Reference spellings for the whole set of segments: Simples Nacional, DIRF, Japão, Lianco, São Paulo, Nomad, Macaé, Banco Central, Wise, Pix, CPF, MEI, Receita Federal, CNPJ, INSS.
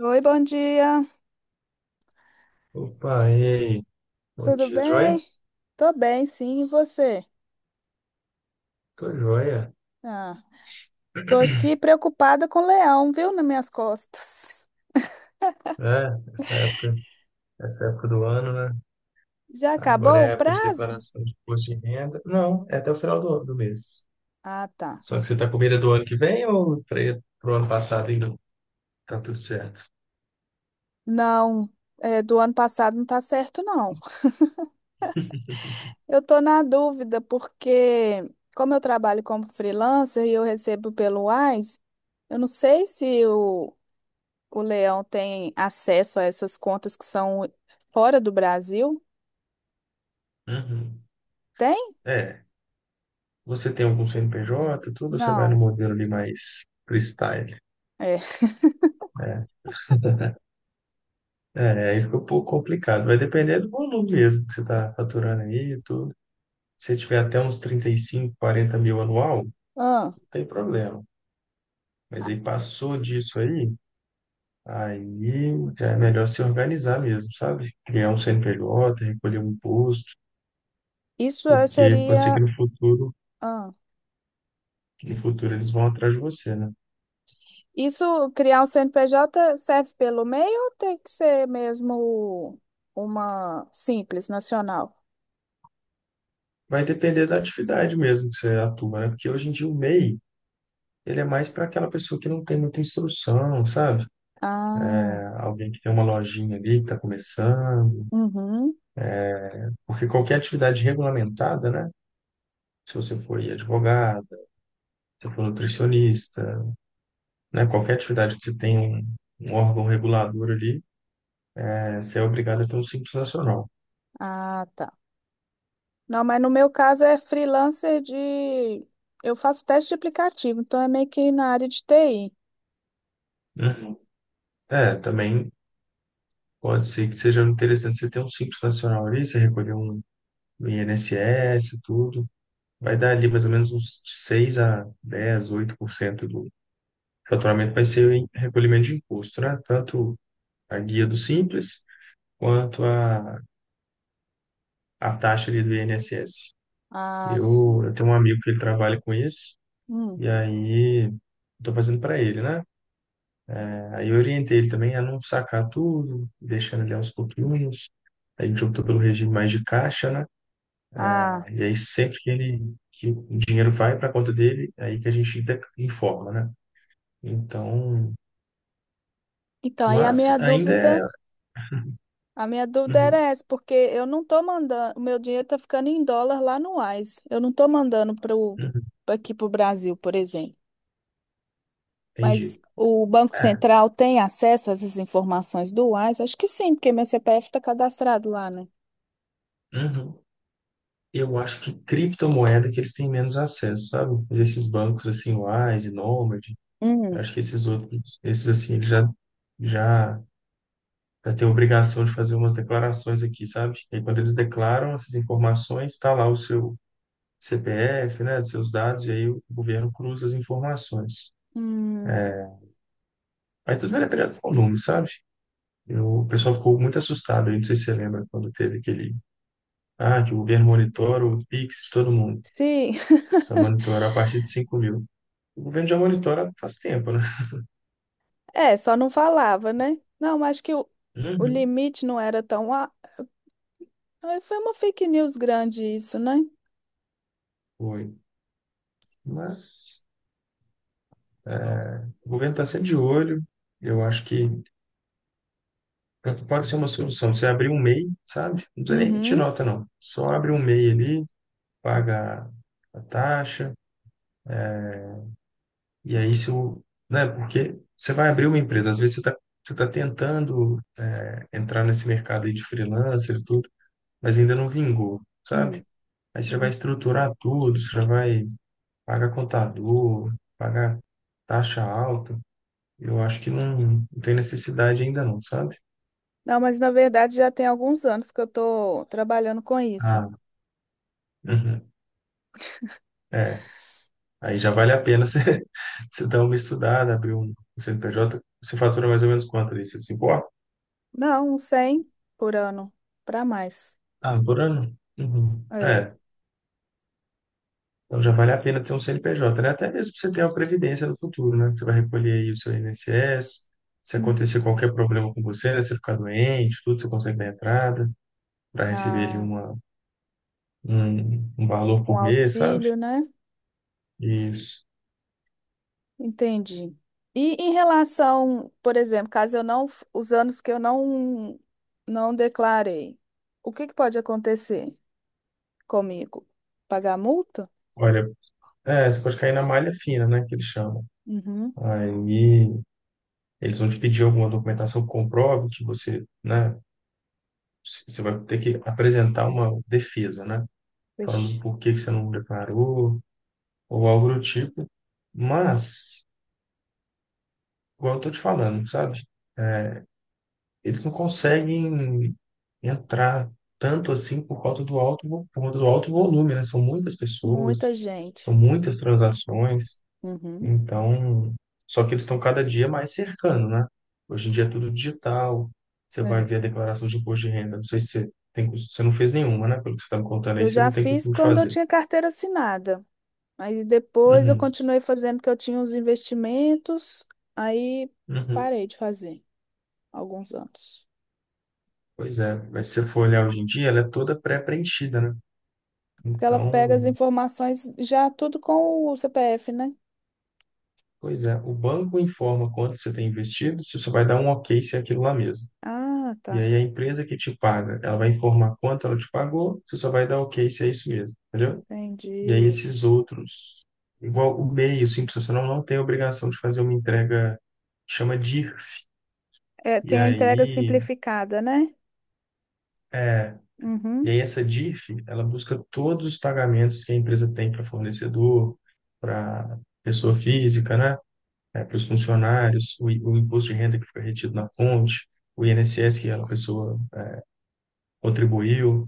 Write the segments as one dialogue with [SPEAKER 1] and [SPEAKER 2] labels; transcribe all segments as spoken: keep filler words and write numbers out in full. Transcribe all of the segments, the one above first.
[SPEAKER 1] Oi, bom dia.
[SPEAKER 2] Opa, e aí? Bom
[SPEAKER 1] Tudo
[SPEAKER 2] dia, joia?
[SPEAKER 1] bem? Tô bem, sim. E você?
[SPEAKER 2] Tô joia.
[SPEAKER 1] Ah, tô aqui preocupada com o leão, viu, nas minhas costas.
[SPEAKER 2] É, essa época, essa época do ano, né?
[SPEAKER 1] Já
[SPEAKER 2] Agora é
[SPEAKER 1] acabou
[SPEAKER 2] a
[SPEAKER 1] o
[SPEAKER 2] época de
[SPEAKER 1] prazo?
[SPEAKER 2] declaração de imposto de renda. Não, é até o final do, do mês.
[SPEAKER 1] Ah, tá.
[SPEAKER 2] Só que você tá com medo do ano que vem ou para pro ano passado ainda tá tudo certo?
[SPEAKER 1] Não, é, do ano passado não tá certo, não. Eu tô na dúvida porque, como eu trabalho como freelancer e eu recebo pelo Wise, eu não sei se o, o leão tem acesso a essas contas que são fora do Brasil.
[SPEAKER 2] Uhum.
[SPEAKER 1] Tem?
[SPEAKER 2] É, você tem algum C N P J, tudo, ou você vai no
[SPEAKER 1] Não.
[SPEAKER 2] modelo ali mais freestyle,
[SPEAKER 1] É.
[SPEAKER 2] né? É, aí fica um pouco complicado. Vai depender do volume mesmo que você está faturando aí e tudo. Se você tiver até uns trinta e cinco, quarenta mil anual,
[SPEAKER 1] Ah.
[SPEAKER 2] tem problema. Mas aí passou disso aí, aí já é melhor se organizar mesmo, sabe? Criar um C N P J, recolher um imposto,
[SPEAKER 1] Isso eh,
[SPEAKER 2] porque pode ser que
[SPEAKER 1] seria.
[SPEAKER 2] no futuro,
[SPEAKER 1] Ah,
[SPEAKER 2] no futuro eles vão atrás de você, né?
[SPEAKER 1] isso, criar um C N P J serve pelo M E I ou tem que ser mesmo uma simples nacional?
[SPEAKER 2] Vai depender da atividade mesmo que você atua, né? Porque hoje em dia o MEI, ele é mais para aquela pessoa que não tem muita instrução, sabe?
[SPEAKER 1] Ah,
[SPEAKER 2] É alguém que tem uma lojinha ali, que está começando,
[SPEAKER 1] uhum.
[SPEAKER 2] porque qualquer atividade regulamentada, né? Se você for advogada, se você for nutricionista, né? Qualquer atividade que você tem um, um órgão regulador ali, é você é obrigado a ter um Simples Nacional.
[SPEAKER 1] Ah, tá. Não, mas no meu caso é freelancer de. Eu faço teste de aplicativo, então é meio que na área de T I.
[SPEAKER 2] Uhum. É, também pode ser que seja interessante você ter um Simples Nacional ali, você recolher um INSS, e tudo. Vai dar ali mais ou menos uns seis a dez oito por cento do faturamento vai ser em recolhimento de imposto, né? Tanto a guia do Simples quanto a, a taxa ali do INSS.
[SPEAKER 1] Ah,
[SPEAKER 2] Eu,
[SPEAKER 1] sim.
[SPEAKER 2] eu tenho um amigo que ele trabalha com isso,
[SPEAKER 1] Hum.
[SPEAKER 2] e aí estou fazendo para ele, né? Aí eu orientei ele também a não sacar tudo, deixando ele aos pouquinhos. A gente optou pelo regime mais de caixa, né?
[SPEAKER 1] Ah,
[SPEAKER 2] E aí sempre que ele que o dinheiro vai para a conta dele, é aí que a gente de- informa, né? Então,
[SPEAKER 1] então aí a
[SPEAKER 2] mas
[SPEAKER 1] minha
[SPEAKER 2] ainda é.
[SPEAKER 1] dúvida. A minha dúvida era
[SPEAKER 2] Uhum,
[SPEAKER 1] essa, porque eu não tô mandando, o meu dinheiro tá ficando em dólar lá no Wise. Eu não tô mandando para
[SPEAKER 2] uhum,
[SPEAKER 1] aqui pro Brasil, por exemplo. Mas
[SPEAKER 2] entendi.
[SPEAKER 1] o Banco
[SPEAKER 2] É,
[SPEAKER 1] Central tem acesso a essas informações do Wise? Acho que sim, porque meu C P F tá cadastrado lá, né?
[SPEAKER 2] uhum. Eu acho que criptomoeda que eles têm menos acesso, sabe? Mas Esses bancos assim, Wise e Nomad, eu
[SPEAKER 1] Hum.
[SPEAKER 2] acho que esses outros, esses assim, eles já já. Eu tenho obrigação de fazer umas declarações aqui, sabe? E aí, quando eles declaram essas informações, está lá o seu C P F, né, os seus dados, e aí o governo cruza as informações.
[SPEAKER 1] Hum,
[SPEAKER 2] Aí tudo vai depender do volume, sabe? Eu, o pessoal ficou muito assustado, aí, não sei se você lembra quando teve aquele, ah, que o governo monitora o Pix de todo mundo,
[SPEAKER 1] sim,
[SPEAKER 2] vai monitorar a partir de cinco mil. O governo já monitora faz tempo, né?
[SPEAKER 1] é, só não falava, né? Não, acho que o, o
[SPEAKER 2] Uhum.
[SPEAKER 1] limite não era tão. a- Ah, foi uma fake news grande isso, né?
[SPEAKER 2] Foi. Mas o governo está sempre de olho, eu acho que Pode ser uma solução. Você abrir um MEI, sabe? Não precisa nem emitir
[SPEAKER 1] Uhum.
[SPEAKER 2] nota, não. Só abre um MEI ali, paga a taxa, e aí se o, né? Porque você vai abrir uma empresa, às vezes você está você tá tentando é, entrar nesse mercado aí de freelancer e tudo, mas ainda não vingou,
[SPEAKER 1] Hum.
[SPEAKER 2] sabe? Aí você vai estruturar tudo, você vai pagar contador, pagar taxa alta. Eu acho que não, não tem necessidade ainda não, sabe?
[SPEAKER 1] Não, mas na verdade já tem alguns anos que eu tô trabalhando com isso.
[SPEAKER 2] Ah, uhum. É, aí já vale a pena você, você dar uma estudada, abrir um C N P J. Você fatura mais ou menos quanto ali? Você se importa?
[SPEAKER 1] Não, uns cem por ano, para mais.
[SPEAKER 2] Ah, por ano? Uhum.
[SPEAKER 1] É.
[SPEAKER 2] É, então já vale a pena ter um C N P J, né? Até mesmo pra você ter uma previdência no futuro, né? Você vai recolher aí o seu INSS. Se
[SPEAKER 1] Hum.
[SPEAKER 2] acontecer qualquer problema com você, né? Você ficar doente, tudo, você consegue dar entrada para receber ali
[SPEAKER 1] Ah,
[SPEAKER 2] uma, um, um valor
[SPEAKER 1] um
[SPEAKER 2] por mês, sabe?
[SPEAKER 1] auxílio, né?
[SPEAKER 2] Isso.
[SPEAKER 1] Entendi. E em relação, por exemplo, caso eu não, f- os anos que eu não não declarei, o que que pode acontecer comigo? Pagar multa?
[SPEAKER 2] Olha, é, você pode cair na malha fina, né? Que eles chamam.
[SPEAKER 1] Uhum.
[SPEAKER 2] Aí, Eles vão te pedir alguma documentação que comprove que você, né, c- você vai ter que apresentar uma defesa, né, falando
[SPEAKER 1] Vixe,
[SPEAKER 2] por que que você não declarou ou algo do tipo. Mas, igual eu tô te falando, sabe? É, Eles não conseguem entrar tanto assim por conta do alto, vo- por conta do alto volume, né? São muitas
[SPEAKER 1] muita
[SPEAKER 2] pessoas,
[SPEAKER 1] gente.
[SPEAKER 2] são muitas transações.
[SPEAKER 1] Uhum.
[SPEAKER 2] Então, só que eles estão cada dia mais cercando, né? Hoje em dia é tudo digital. Você vai
[SPEAKER 1] É.
[SPEAKER 2] ver a declaração de imposto de renda. Não sei se você tem, cos- você não fez nenhuma, né? Pelo que você está me contando aí,
[SPEAKER 1] Eu
[SPEAKER 2] você
[SPEAKER 1] já
[SPEAKER 2] não tem
[SPEAKER 1] fiz
[SPEAKER 2] costume de
[SPEAKER 1] quando eu
[SPEAKER 2] fazer.
[SPEAKER 1] tinha carteira assinada. Aí depois eu
[SPEAKER 2] Uhum,
[SPEAKER 1] continuei fazendo porque eu tinha uns investimentos, aí
[SPEAKER 2] uhum.
[SPEAKER 1] parei de fazer alguns anos.
[SPEAKER 2] Pois é. Mas se você for olhar hoje em dia, ela é toda pré-preenchida, né?
[SPEAKER 1] Porque ela pega as
[SPEAKER 2] Então,
[SPEAKER 1] informações já tudo com o C P F, né?
[SPEAKER 2] pois é. O banco informa quanto você tem investido, você só vai dar um ok se é aquilo lá mesmo.
[SPEAKER 1] Ah,
[SPEAKER 2] E
[SPEAKER 1] tá.
[SPEAKER 2] aí a empresa que te paga, ela vai informar quanto ela te pagou, você só vai dar ok se é isso mesmo. Entendeu? E aí
[SPEAKER 1] Entendi.
[SPEAKER 2] esses outros, igual o MEI, o Simples Nacional, não tem obrigação de fazer uma entrega que chama DIRF.
[SPEAKER 1] É,
[SPEAKER 2] E
[SPEAKER 1] tem a entrega
[SPEAKER 2] aí,
[SPEAKER 1] simplificada, né?
[SPEAKER 2] é, e
[SPEAKER 1] Uhum.
[SPEAKER 2] aí essa DIRF, ela busca todos os pagamentos que a empresa tem para fornecedor, para pessoa física, né? É, para os funcionários, o, i- o imposto de renda que foi retido na fonte, o INSS que a pessoa contribuiu.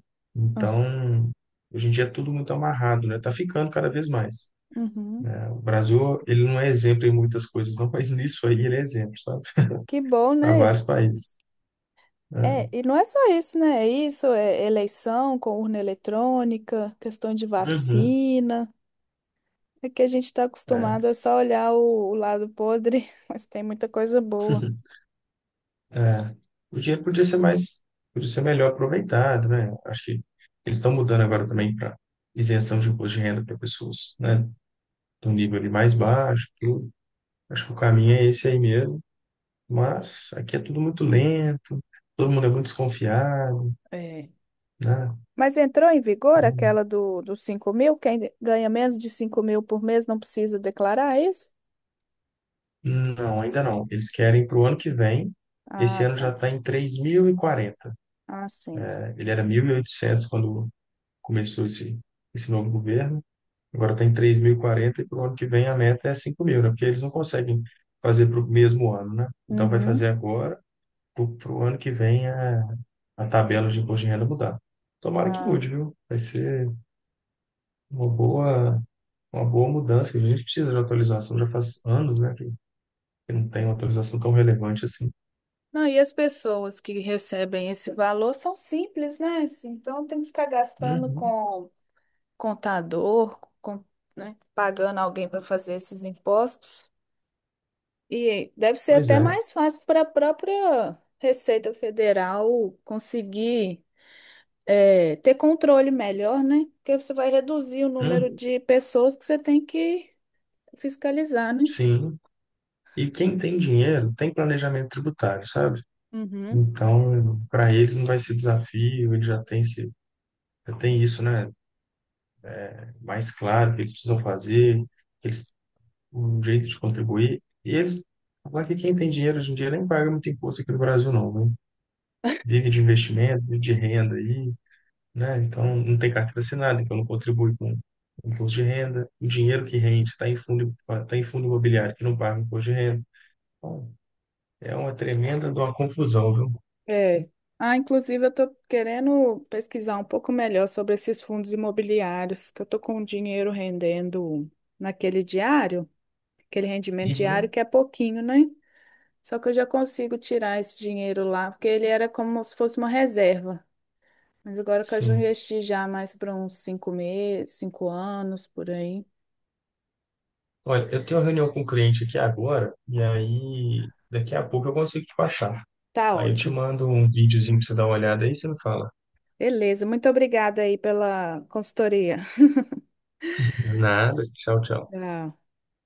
[SPEAKER 1] Ah,
[SPEAKER 2] Então, hoje em dia é tudo muito amarrado, né? Tá ficando cada vez mais.
[SPEAKER 1] uhum.
[SPEAKER 2] O Brasil, ele não é exemplo em muitas coisas, não, mas nisso aí ele é exemplo, sabe?
[SPEAKER 1] Que bom,
[SPEAKER 2] Para
[SPEAKER 1] né?
[SPEAKER 2] vários países. Né?
[SPEAKER 1] É, e não é só isso, né? É isso, é eleição com urna eletrônica, questão de
[SPEAKER 2] Uhum,
[SPEAKER 1] vacina. É que a gente está
[SPEAKER 2] é.
[SPEAKER 1] acostumado a só olhar o, o lado podre, mas tem muita coisa boa.
[SPEAKER 2] É. O dinheiro podia ser mais, podia ser melhor aproveitado, né? Acho que eles estão mudando agora também para isenção de imposto de renda para pessoas, né? Do nível ali mais baixo, tudo. Acho que o caminho é esse aí mesmo, mas aqui é tudo muito lento, todo mundo é muito desconfiado,
[SPEAKER 1] É.
[SPEAKER 2] né?
[SPEAKER 1] Mas entrou em vigor
[SPEAKER 2] Então,
[SPEAKER 1] aquela do, dos cinco mil? Quem ganha menos de cinco mil por mês não precisa declarar é isso?
[SPEAKER 2] não, ainda não. Eles querem para o ano que vem, esse
[SPEAKER 1] Ah,
[SPEAKER 2] ano já
[SPEAKER 1] tá.
[SPEAKER 2] está em três mil e quarenta.
[SPEAKER 1] Ah, sim.
[SPEAKER 2] Ele era mil e oitocentos quando começou esse, esse novo governo, agora está em três mil e quarenta e quarenta e para o ano que vem a meta é cinco mil, né? Porque eles não conseguem fazer para o mesmo ano, né? Então vai
[SPEAKER 1] Uhum.
[SPEAKER 2] fazer agora, para o ano que vem a, a tabela de imposto de renda mudar. Tomara que
[SPEAKER 1] Ah.
[SPEAKER 2] mude, viu? Vai ser uma boa, uma boa mudança. A gente precisa de atualização, já faz anos, né, que, que não tem uma atualização tão relevante assim.
[SPEAKER 1] Não, e as pessoas que recebem esse valor são simples, né? Assim, então tem que ficar gastando
[SPEAKER 2] Uhum,
[SPEAKER 1] com contador, com, né? Pagando alguém para fazer esses impostos. E deve ser
[SPEAKER 2] pois
[SPEAKER 1] até
[SPEAKER 2] é.
[SPEAKER 1] mais fácil para a própria Receita Federal conseguir é, ter controle melhor, né? Porque você vai reduzir o número
[SPEAKER 2] Uhum,
[SPEAKER 1] de pessoas que você tem que fiscalizar, né?
[SPEAKER 2] sim. E quem tem dinheiro tem planejamento tributário, sabe?
[SPEAKER 1] Uhum.
[SPEAKER 2] Então, para eles não vai ser desafio, eles já têm esse, já tem isso, né? Mais claro o que eles precisam fazer, eles um jeito de contribuir. E eles, lá que quem tem dinheiro hoje em dia nem paga muito imposto aqui no Brasil, não, né? Vive de investimento, vive de renda aí, né? Então, não tem carteira assinada, então não contribui com imposto de renda. O dinheiro que rende está em fundo, tá em fundo imobiliário que não paga imposto de renda. Então, é uma tremenda de uma confusão, viu?
[SPEAKER 1] É. Ah, inclusive eu estou querendo pesquisar um pouco melhor sobre esses fundos imobiliários, que eu estou com o dinheiro rendendo naquele diário, aquele rendimento diário
[SPEAKER 2] Uhum.
[SPEAKER 1] que é pouquinho, né? Só que eu já consigo tirar esse dinheiro lá, porque ele era como se fosse uma reserva. Mas agora que eu já
[SPEAKER 2] Sim.
[SPEAKER 1] investi já mais para uns cinco meses, cinco anos por aí,
[SPEAKER 2] Olha, eu tenho uma reunião com o cliente aqui agora, e aí daqui a pouco eu consigo te passar.
[SPEAKER 1] tá
[SPEAKER 2] Aí eu te
[SPEAKER 1] ótimo.
[SPEAKER 2] mando um videozinho pra você dar uma olhada aí, você me fala.
[SPEAKER 1] Beleza, muito obrigada aí pela consultoria.
[SPEAKER 2] Nada, tchau, tchau.
[SPEAKER 1] Tchau.